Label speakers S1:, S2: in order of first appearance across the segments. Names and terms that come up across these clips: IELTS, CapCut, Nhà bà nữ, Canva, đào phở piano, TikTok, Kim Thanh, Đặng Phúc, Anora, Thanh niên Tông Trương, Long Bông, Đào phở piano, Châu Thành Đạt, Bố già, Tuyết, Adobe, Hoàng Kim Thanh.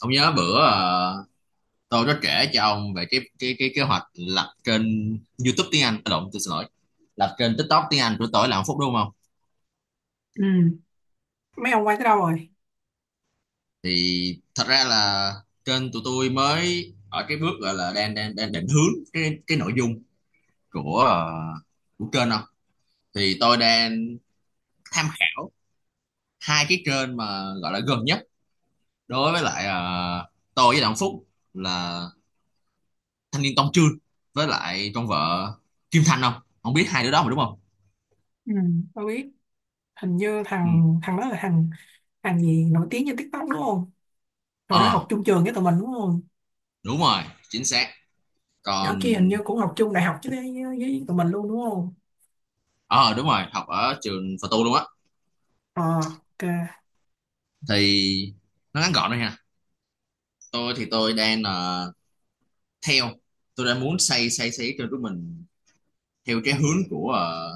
S1: Ông nhớ bữa tôi có kể cho ông về cái kế hoạch lập kênh YouTube tiếng Anh, à lộn, tôi xin lỗi, lập kênh TikTok tiếng Anh của tôi là Hạnh Phúc đúng không?
S2: Ừ. Mấy ông quay tới đâu rồi?
S1: Thì thật ra là kênh tụi tôi mới ở cái bước gọi là đang đang đang định hướng cái nội dung của của kênh. Không thì tôi đang tham khảo hai cái kênh mà gọi là gần nhất đối với lại, tôi với Đặng Phúc, là thanh niên Tông Trương với lại con vợ Kim Thanh. Không không biết hai đứa đó mà đúng không?
S2: Ừ. Tôi biết, hình như thằng thằng đó là thằng thằng gì nổi tiếng trên TikTok đúng không? Hồi đó
S1: Ờ
S2: học chung trường với tụi mình đúng không?
S1: đúng rồi, chính xác. Còn
S2: Nhỏ kia hình như cũng học chung đại học chứ với tụi mình luôn đúng không?
S1: ờ đúng rồi, học ở trường Phật tu luôn á.
S2: Ờ, ok.
S1: Thì nó ngắn gọn thôi ha, tôi thì tôi đang theo, tôi đang muốn xây xây xây cho của mình theo cái hướng của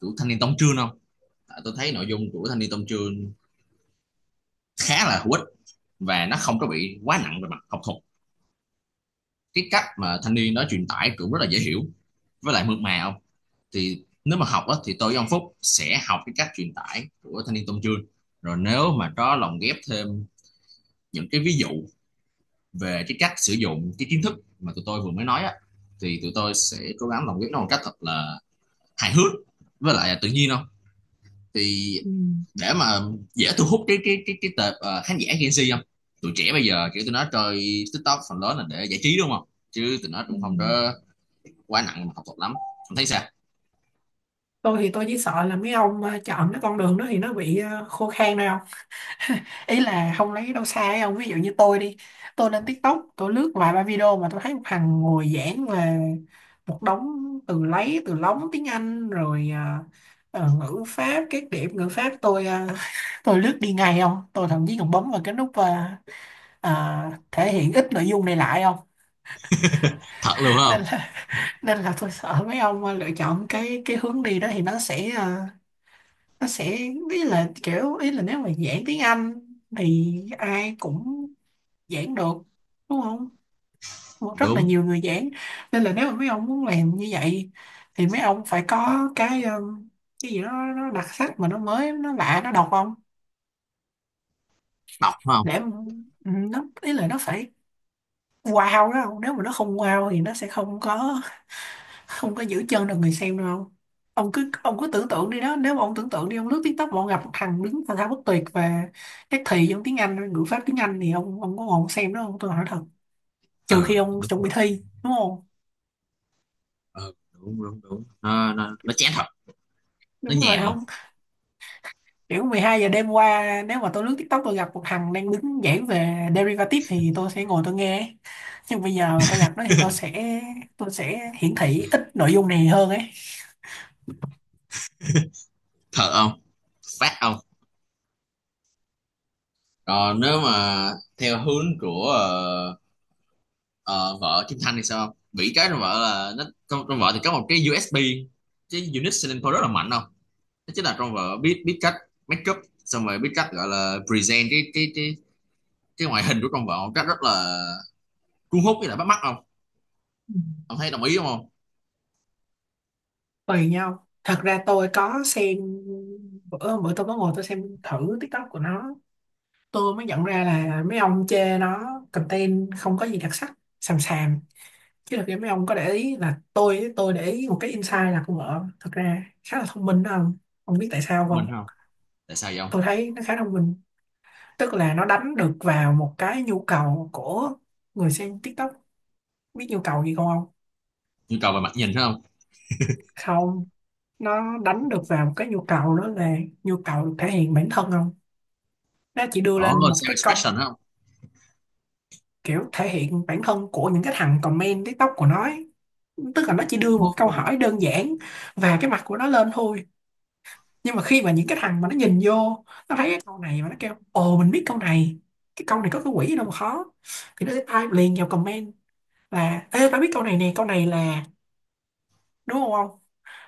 S1: của thanh niên Tông Trương. Không tại tôi thấy nội dung của thanh niên Tông Trương khá là hữu ích, và nó không có bị quá nặng về mặt học thuật. Cái cách mà thanh niên nó truyền tải cũng rất là dễ hiểu với lại mượt mà. Không thì nếu mà học á, thì tôi với ông Phúc sẽ học cái cách truyền tải của thanh niên Tôn Trương, rồi nếu mà có lồng ghép thêm những cái ví dụ về cái cách sử dụng cái kiến thức mà tụi tôi vừa mới nói á, thì tụi tôi sẽ cố gắng lồng ghép nó một cách thật là hài hước với lại là tự nhiên. Không thì
S2: Ừ.
S1: để mà dễ thu hút cái tệp khán giả Gen Z. Không tụi trẻ bây giờ kiểu tụi nó chơi TikTok phần lớn là để giải trí đúng không, chứ tụi nó
S2: Ừ.
S1: cũng không có quá nặng mà học thuật lắm. Không thấy sao?
S2: Tôi thì tôi chỉ sợ là mấy ông chọn cái con đường đó thì nó bị khô khan thôi. Ý là không lấy đâu xa ấy không, ví dụ như tôi đi, tôi lên TikTok, tôi lướt vài ba video mà tôi thấy một thằng ngồi giảng về một đống từ, lấy từ lóng tiếng Anh rồi. Ngữ pháp, các điểm ngữ pháp tôi. Tôi lướt đi ngay không, tôi thậm chí còn bấm vào cái nút, thể hiện ít nội dung này lại không.
S1: Thật luôn.
S2: nên
S1: Không
S2: là nên là tôi sợ mấy ông lựa chọn cái hướng đi đó thì nó sẽ. Nó sẽ, ý là, nếu mà giảng tiếng Anh thì ai cũng giảng được đúng không? Cũng rất là
S1: đúng
S2: nhiều người giảng. Nên là nếu mà mấy ông muốn làm như vậy thì mấy ông phải có cái gì đó nó đặc sắc, mà nó mới, nó lạ, nó độc ông.
S1: đọc không.
S2: Để nó, ý là nó phải wow đó không? Nếu mà nó không wow thì nó sẽ không có, không có giữ chân được người xem đâu ông. Ông cứ tưởng tượng đi đó, nếu mà ông tưởng tượng đi, ông lướt TikTok mà ông gặp một thằng đứng thao thao bất tuyệt về các thì trong tiếng Anh, ngữ pháp tiếng Anh, thì ông có ngồi ông xem đó không, tôi hỏi thật?
S1: Ờ
S2: Trừ
S1: ừ,
S2: khi ông
S1: đúng.
S2: chuẩn bị thi đúng không?
S1: Ừ, đúng đúng đúng Nó nó chán thật, nó
S2: Đúng rồi
S1: nhàm. Không
S2: không? Kiểu 12 giờ đêm qua, nếu mà tôi lướt TikTok tôi gặp một thằng đang đứng giảng về derivative thì tôi sẽ ngồi tôi nghe, nhưng bây giờ mà tôi gặp nó thì tôi sẽ hiển thị ít nội dung này hơn ấy.
S1: thật không, phát không. Còn nếu mà theo hướng của ờ, vợ Kim Thanh thì sao? Nghĩ cái trong vợ là nó trong vợ thì có một cái USB, cái unit selling point rất là mạnh. Không nó chính là trong vợ biết biết cách make up, xong rồi biết cách gọi là present cái ngoại hình của trong vợ một cách rất là cuốn hút với lại bắt mắt. Không
S2: Ừ.
S1: ông thấy đồng ý không? Không
S2: Tùy nhau, thật ra tôi có xem, bữa bữa tôi có ngồi tôi xem thử TikTok của nó, tôi mới nhận ra là mấy ông chê nó content không có gì đặc sắc, xàm xàm, chứ thật ra mấy ông có để ý là tôi để ý một cái insight là con vợ thật ra khá là thông minh đó không? Ông biết tại sao không?
S1: mình không. Tại sao vậy không?
S2: Tôi thấy nó khá thông minh, tức là nó đánh được vào một cái nhu cầu của người xem TikTok. Biết nhu cầu gì không? Không,
S1: Nhu cầu về mặt nhìn phải không?
S2: không. Nó đánh được vào một cái nhu cầu đó là nhu cầu được thể hiện bản thân không. Nó chỉ đưa
S1: Ồ,
S2: lên một
S1: self
S2: cái câu
S1: expression phải không?
S2: kiểu thể hiện bản thân của những cái thằng comment TikTok của nó ấy. Tức là nó chỉ đưa
S1: Ồ,
S2: một câu hỏi đơn giản và cái mặt của nó lên thôi, nhưng mà khi mà những cái thằng mà nó nhìn vô nó thấy cái câu này mà nó kêu ồ mình biết câu này, cái câu này có cái quỷ gì đâu mà khó, thì nó sẽ type liền vào comment là ê tao biết câu này nè, câu này là, đúng không ông?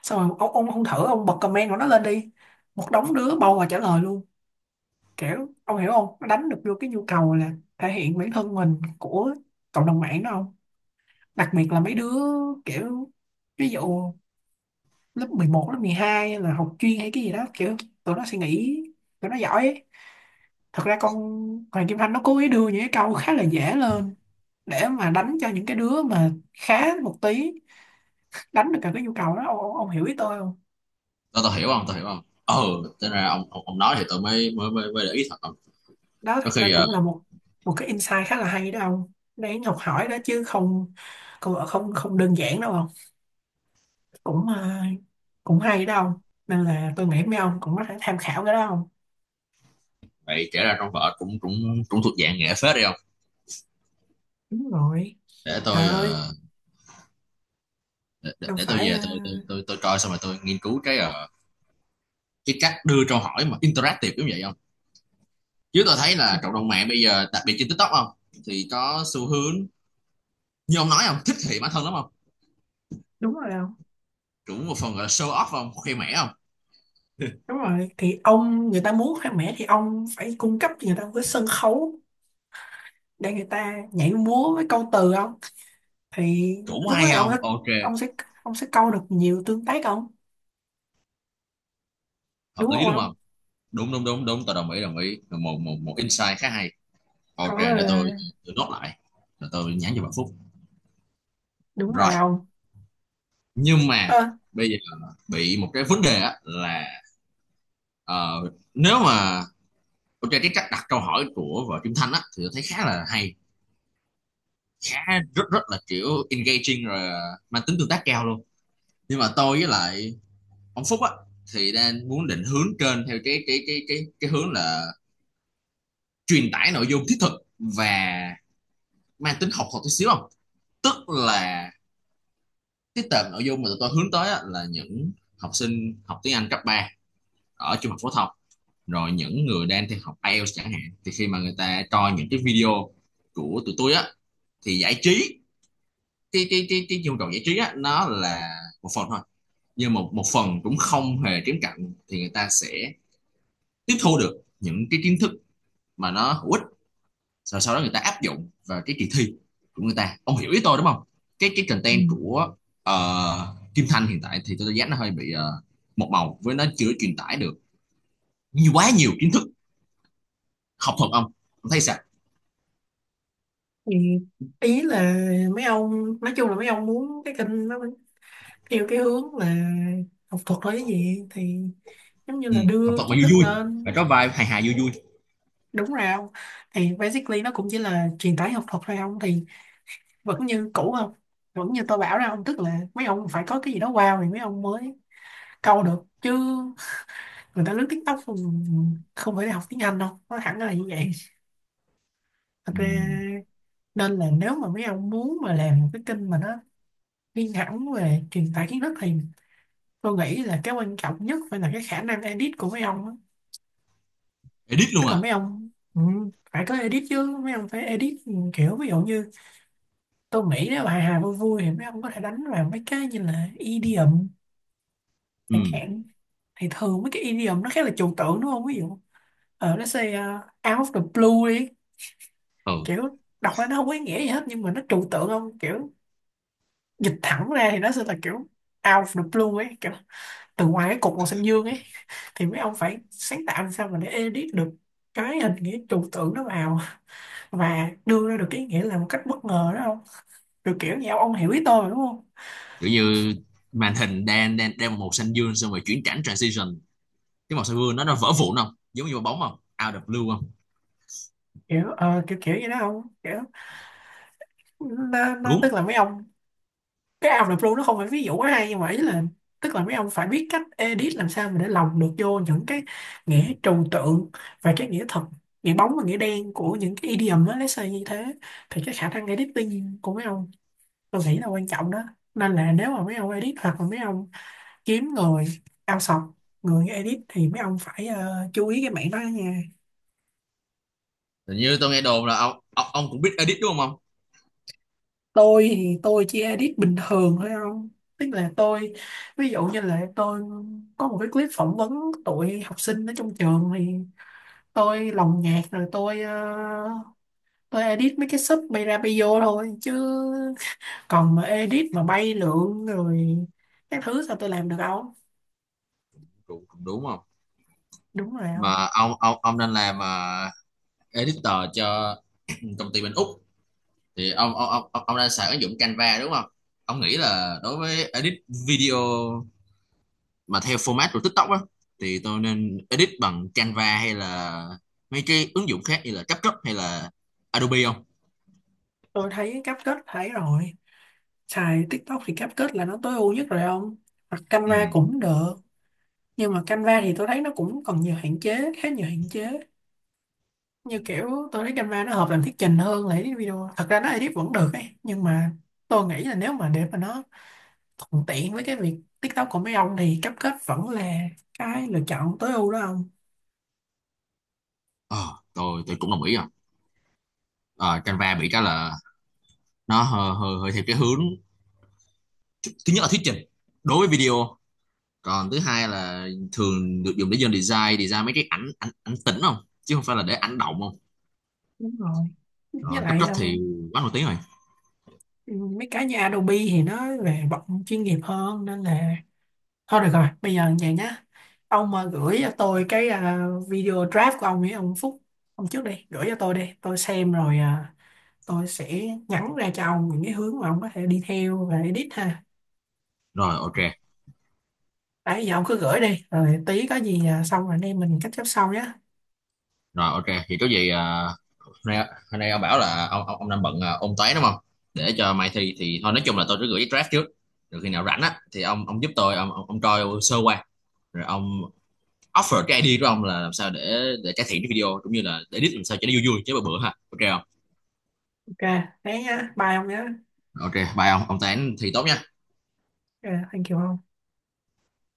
S2: Xong rồi ông không thử ông bật comment của nó lên đi, một đống đứa bầu và trả lời luôn. Kiểu ông hiểu không, nó đánh được vô cái nhu cầu là thể hiện bản thân mình của cộng đồng mạng đó không? Đặc biệt là mấy đứa kiểu, ví dụ lớp 11 lớp 12 là học chuyên hay cái gì đó, kiểu tụi nó suy nghĩ tụi nó giỏi ấy. Thật ra con Hoàng Kim Thanh nó cố ý đưa những cái câu khá là dễ lên để mà đánh cho những cái đứa mà khá một tí, đánh được cả cái nhu cầu đó ông hiểu ý tôi không?
S1: tao tao hiểu. Không tao hiểu không. Ờ thế ra ông, ông nói thì tao mới mới để ý thật không.
S2: Đó
S1: Có
S2: thật ra
S1: khi ờ,
S2: cũng là một, cái insight khá là hay đó ông, đáng học hỏi đó chứ không? Không không, không đơn giản đâu không. Cũng cũng hay đó ông. Nên là tôi nghĩ mấy ông cũng có thể tham khảo cái đó không?
S1: vậy kể ra trong vở cũng cũng cũng thuộc dạng nghệ phết đi không.
S2: Đúng rồi.
S1: Để
S2: Trời
S1: tôi
S2: ơi.
S1: để, để,
S2: Đâu
S1: để tôi
S2: phải
S1: về tôi tôi coi xong rồi tôi nghiên cứu cái cái cách đưa câu hỏi mà interactive giống vậy. Không chứ tôi thấy
S2: ờ,
S1: là cộng đồng mạng bây giờ đặc biệt trên TikTok. Không thì có xu hướng như ông nói không, thích thị bản thân lắm. Không
S2: đúng rồi đâu.
S1: cũng một phần gọi là show off, không khoe mẽ. Không
S2: Đúng rồi, thì ông, người ta muốn khoe mẽ thì ông phải cung cấp cho người ta một cái sân khấu để người ta nhảy múa với câu từ không. Thì
S1: cũng
S2: lúc đó
S1: hay
S2: ông sẽ,
S1: không, ok
S2: ông sẽ ông sẽ câu được nhiều tương tác không,
S1: hợp
S2: đúng không
S1: lý luôn
S2: ông?
S1: không. Đúng đúng đúng đúng, tôi đồng ý đồng ý, một một một insight khá hay.
S2: Có
S1: Ok để tôi nốt lại rồi tôi nhắn cho bạn Phúc.
S2: đúng
S1: Rồi
S2: rồi ông.
S1: nhưng mà
S2: Ơ.
S1: bây giờ bị một cái vấn đề á là, ờ, nếu mà ok cái cách đặt câu hỏi của vợ Kim Thanh á thì tôi thấy khá là hay, khá rất rất là kiểu engaging rồi, mang tính tương tác cao luôn. Nhưng mà tôi với lại ông Phúc á thì đang muốn định hướng kênh theo cái hướng là truyền tải nội dung thiết thực và mang tính học thuật tí xíu. Không tức là cái tệp nội dung mà tụi tôi hướng tới á, là những học sinh học tiếng Anh cấp 3 ở trung học phổ thông, rồi những người đang theo học IELTS chẳng hạn. Thì khi mà người ta coi những cái video của tụi tôi á, thì giải trí, cái nhu cầu giải trí á nó là một phần thôi, nhưng một một phần cũng không hề kém cạnh thì người ta sẽ tiếp thu được những cái kiến thức mà nó hữu ích, rồi sau đó người ta áp dụng vào cái kỳ thi của người ta, ông hiểu ý tôi đúng không? Cái
S2: Ừ.
S1: content của Kim Thanh hiện tại thì tôi dám nó hơi bị một màu với nó chưa truyền tải được nhiều, quá nhiều kiến thức học thuật ông. Ông thấy sao?
S2: Thì ý là mấy ông nói chung là mấy ông muốn cái kênh nó theo cái hướng là học thuật hay cái gì thì giống như
S1: Ừ,
S2: là
S1: học
S2: đưa
S1: thuật mà
S2: kiến
S1: vui
S2: thức
S1: vui, phải
S2: lên.
S1: có vai hài hài vui vui.
S2: Đúng rồi ông, thì basically nó cũng chỉ là truyền tải học thuật thôi ông, thì vẫn như cũ không, vẫn như tôi bảo ra ông, tức là mấy ông phải có cái gì đó wow thì mấy ông mới câu được chứ. Người ta lướt TikTok không, không phải học tiếng Anh đâu nó hẳn là như vậy, thật
S1: Ừ.
S2: ra. Nên là nếu mà mấy ông muốn mà làm một cái kênh mà nó riêng hẳn về truyền tải kiến thức thì tôi nghĩ là cái quan trọng nhất phải là cái khả năng edit của mấy ông á.
S1: Edit luôn
S2: Tức là
S1: à?
S2: mấy ông phải có edit chứ, mấy ông phải edit, kiểu ví dụ như, tôi nghĩ nếu hài hài vui vui thì mấy ông có thể đánh vào mấy cái như là idiom
S1: Ừ.
S2: chẳng hạn. Thì thường mấy cái idiom nó khá là trừu tượng đúng không, ví dụ nó say out of the blue đi,
S1: Ừ
S2: kiểu đọc ra nó không có ý nghĩa gì hết nhưng mà nó trừu tượng không, kiểu dịch thẳng ra thì nó sẽ là kiểu out of the blue ấy, kiểu từ ngoài cái cục màu xanh dương ấy, thì mấy ông phải sáng tạo làm sao mà để edit được cái hình nghĩa trừu tượng nó vào và đưa ra được cái ý nghĩa là một cách bất ngờ đó không? Kiểu kiểu như ông hiểu ý tôi mà, đúng không?
S1: kiểu như màn hình đang đang đang màu xanh dương xong rồi chuyển cảnh transition, cái màu xanh dương nó vỡ vụn không giống như quả bóng, không out of blue. Không
S2: Kiểu kiểu kiểu như đó không, kiểu
S1: đúng.
S2: tức là mấy ông, cái Out of the Blue nó không phải ví dụ quá hay nhưng mà ý là, tức là mấy ông phải biết cách edit làm sao mà để lồng được vô những cái nghĩa trừu tượng và cái nghĩa thật, nghĩa bóng và nghĩa đen của những cái idiom á, lấy như thế, thì cái khả năng editing của mấy ông tôi nghĩ là quan trọng đó. Nên là nếu mà mấy ông edit hoặc là mấy ông kiếm người outsource người edit thì mấy ông phải chú ý cái mảng đó nha.
S1: Hình như tôi nghe đồn là ông ông cũng biết edit đúng không ông?
S2: Tôi thì tôi chỉ edit bình thường thôi không, tức là tôi, ví dụ như là tôi có một cái clip phỏng vấn tụi học sinh ở trong trường, thì tôi lồng nhạc rồi tôi edit mấy cái sub bay ra bay vô thôi, chứ còn mà edit mà bay lượn rồi các thứ sao tôi làm được không.
S1: Cũng, cũng đúng không.
S2: Đúng rồi không?
S1: Mà ông nên làm editor cho công ty bên Úc thì ông đang xài ứng dụng Canva đúng không? Ông nghĩ là đối với edit video mà theo format của TikTok á, thì tôi nên edit bằng Canva hay là mấy cái ứng dụng khác như là CapCut hay là Adobe không?
S2: Tôi thấy cáp kết thấy rồi, xài TikTok thì CapCut là nó tối ưu nhất rồi ông, hoặc
S1: Ừ.
S2: Canva cũng được. Nhưng mà Canva thì tôi thấy nó cũng còn nhiều hạn chế, khá nhiều hạn chế, như kiểu tôi thấy Canva nó hợp làm thuyết trình hơn là edit video, thật ra nó edit vẫn được ấy nhưng mà tôi nghĩ là nếu mà để mà nó thuận tiện với cái việc TikTok của mấy ông thì CapCut vẫn là cái lựa chọn tối ưu đó ông.
S1: Ờ, tôi cũng đồng ý rồi. Ờ, Canva bị cái là nó hơi theo cái hướng thứ nhất là thuyết trình đối với video, còn thứ hai là thường được dùng để dân design design mấy cái ảnh ảnh ảnh tĩnh không, chứ không phải là để ảnh động. Không
S2: Đúng rồi. Với
S1: rồi cấp
S2: lại
S1: tốc thì quá nổi tiếng rồi.
S2: mấy cái như Adobe thì nó về bọn chuyên nghiệp hơn nên là, thôi được rồi, bây giờ vậy nhá. Ông mà gửi cho tôi cái video draft của ông ấy, ông Phúc, ông trước đi, gửi cho tôi đi. Tôi xem rồi tôi sẽ nhắn ra cho ông những cái hướng mà ông có thể đi theo và edit ha.
S1: Rồi ok.
S2: Đấy, giờ ông cứ gửi đi, rồi tí có gì xong rồi anh em mình catch up sau nhá.
S1: Rồi ok thì có gì à, hôm nay hôm nay ông bảo là ông ông đang bận à, ôn toán đúng không, để cho mai thi. Thì thôi nói chung là tôi cứ gửi cái draft trước, rồi khi nào rảnh á thì ông giúp tôi ông ông coi sơ qua rồi ông offer cái idea của ông là làm sao để cải thiện cái video cũng như là để edit làm sao cho nó vui vui chứ bữa bữa ha, ok không.
S2: Ok, thế nhá, bye ông nhá.
S1: Ok bye ông toán thi tốt nha.
S2: Ok, thank you ông.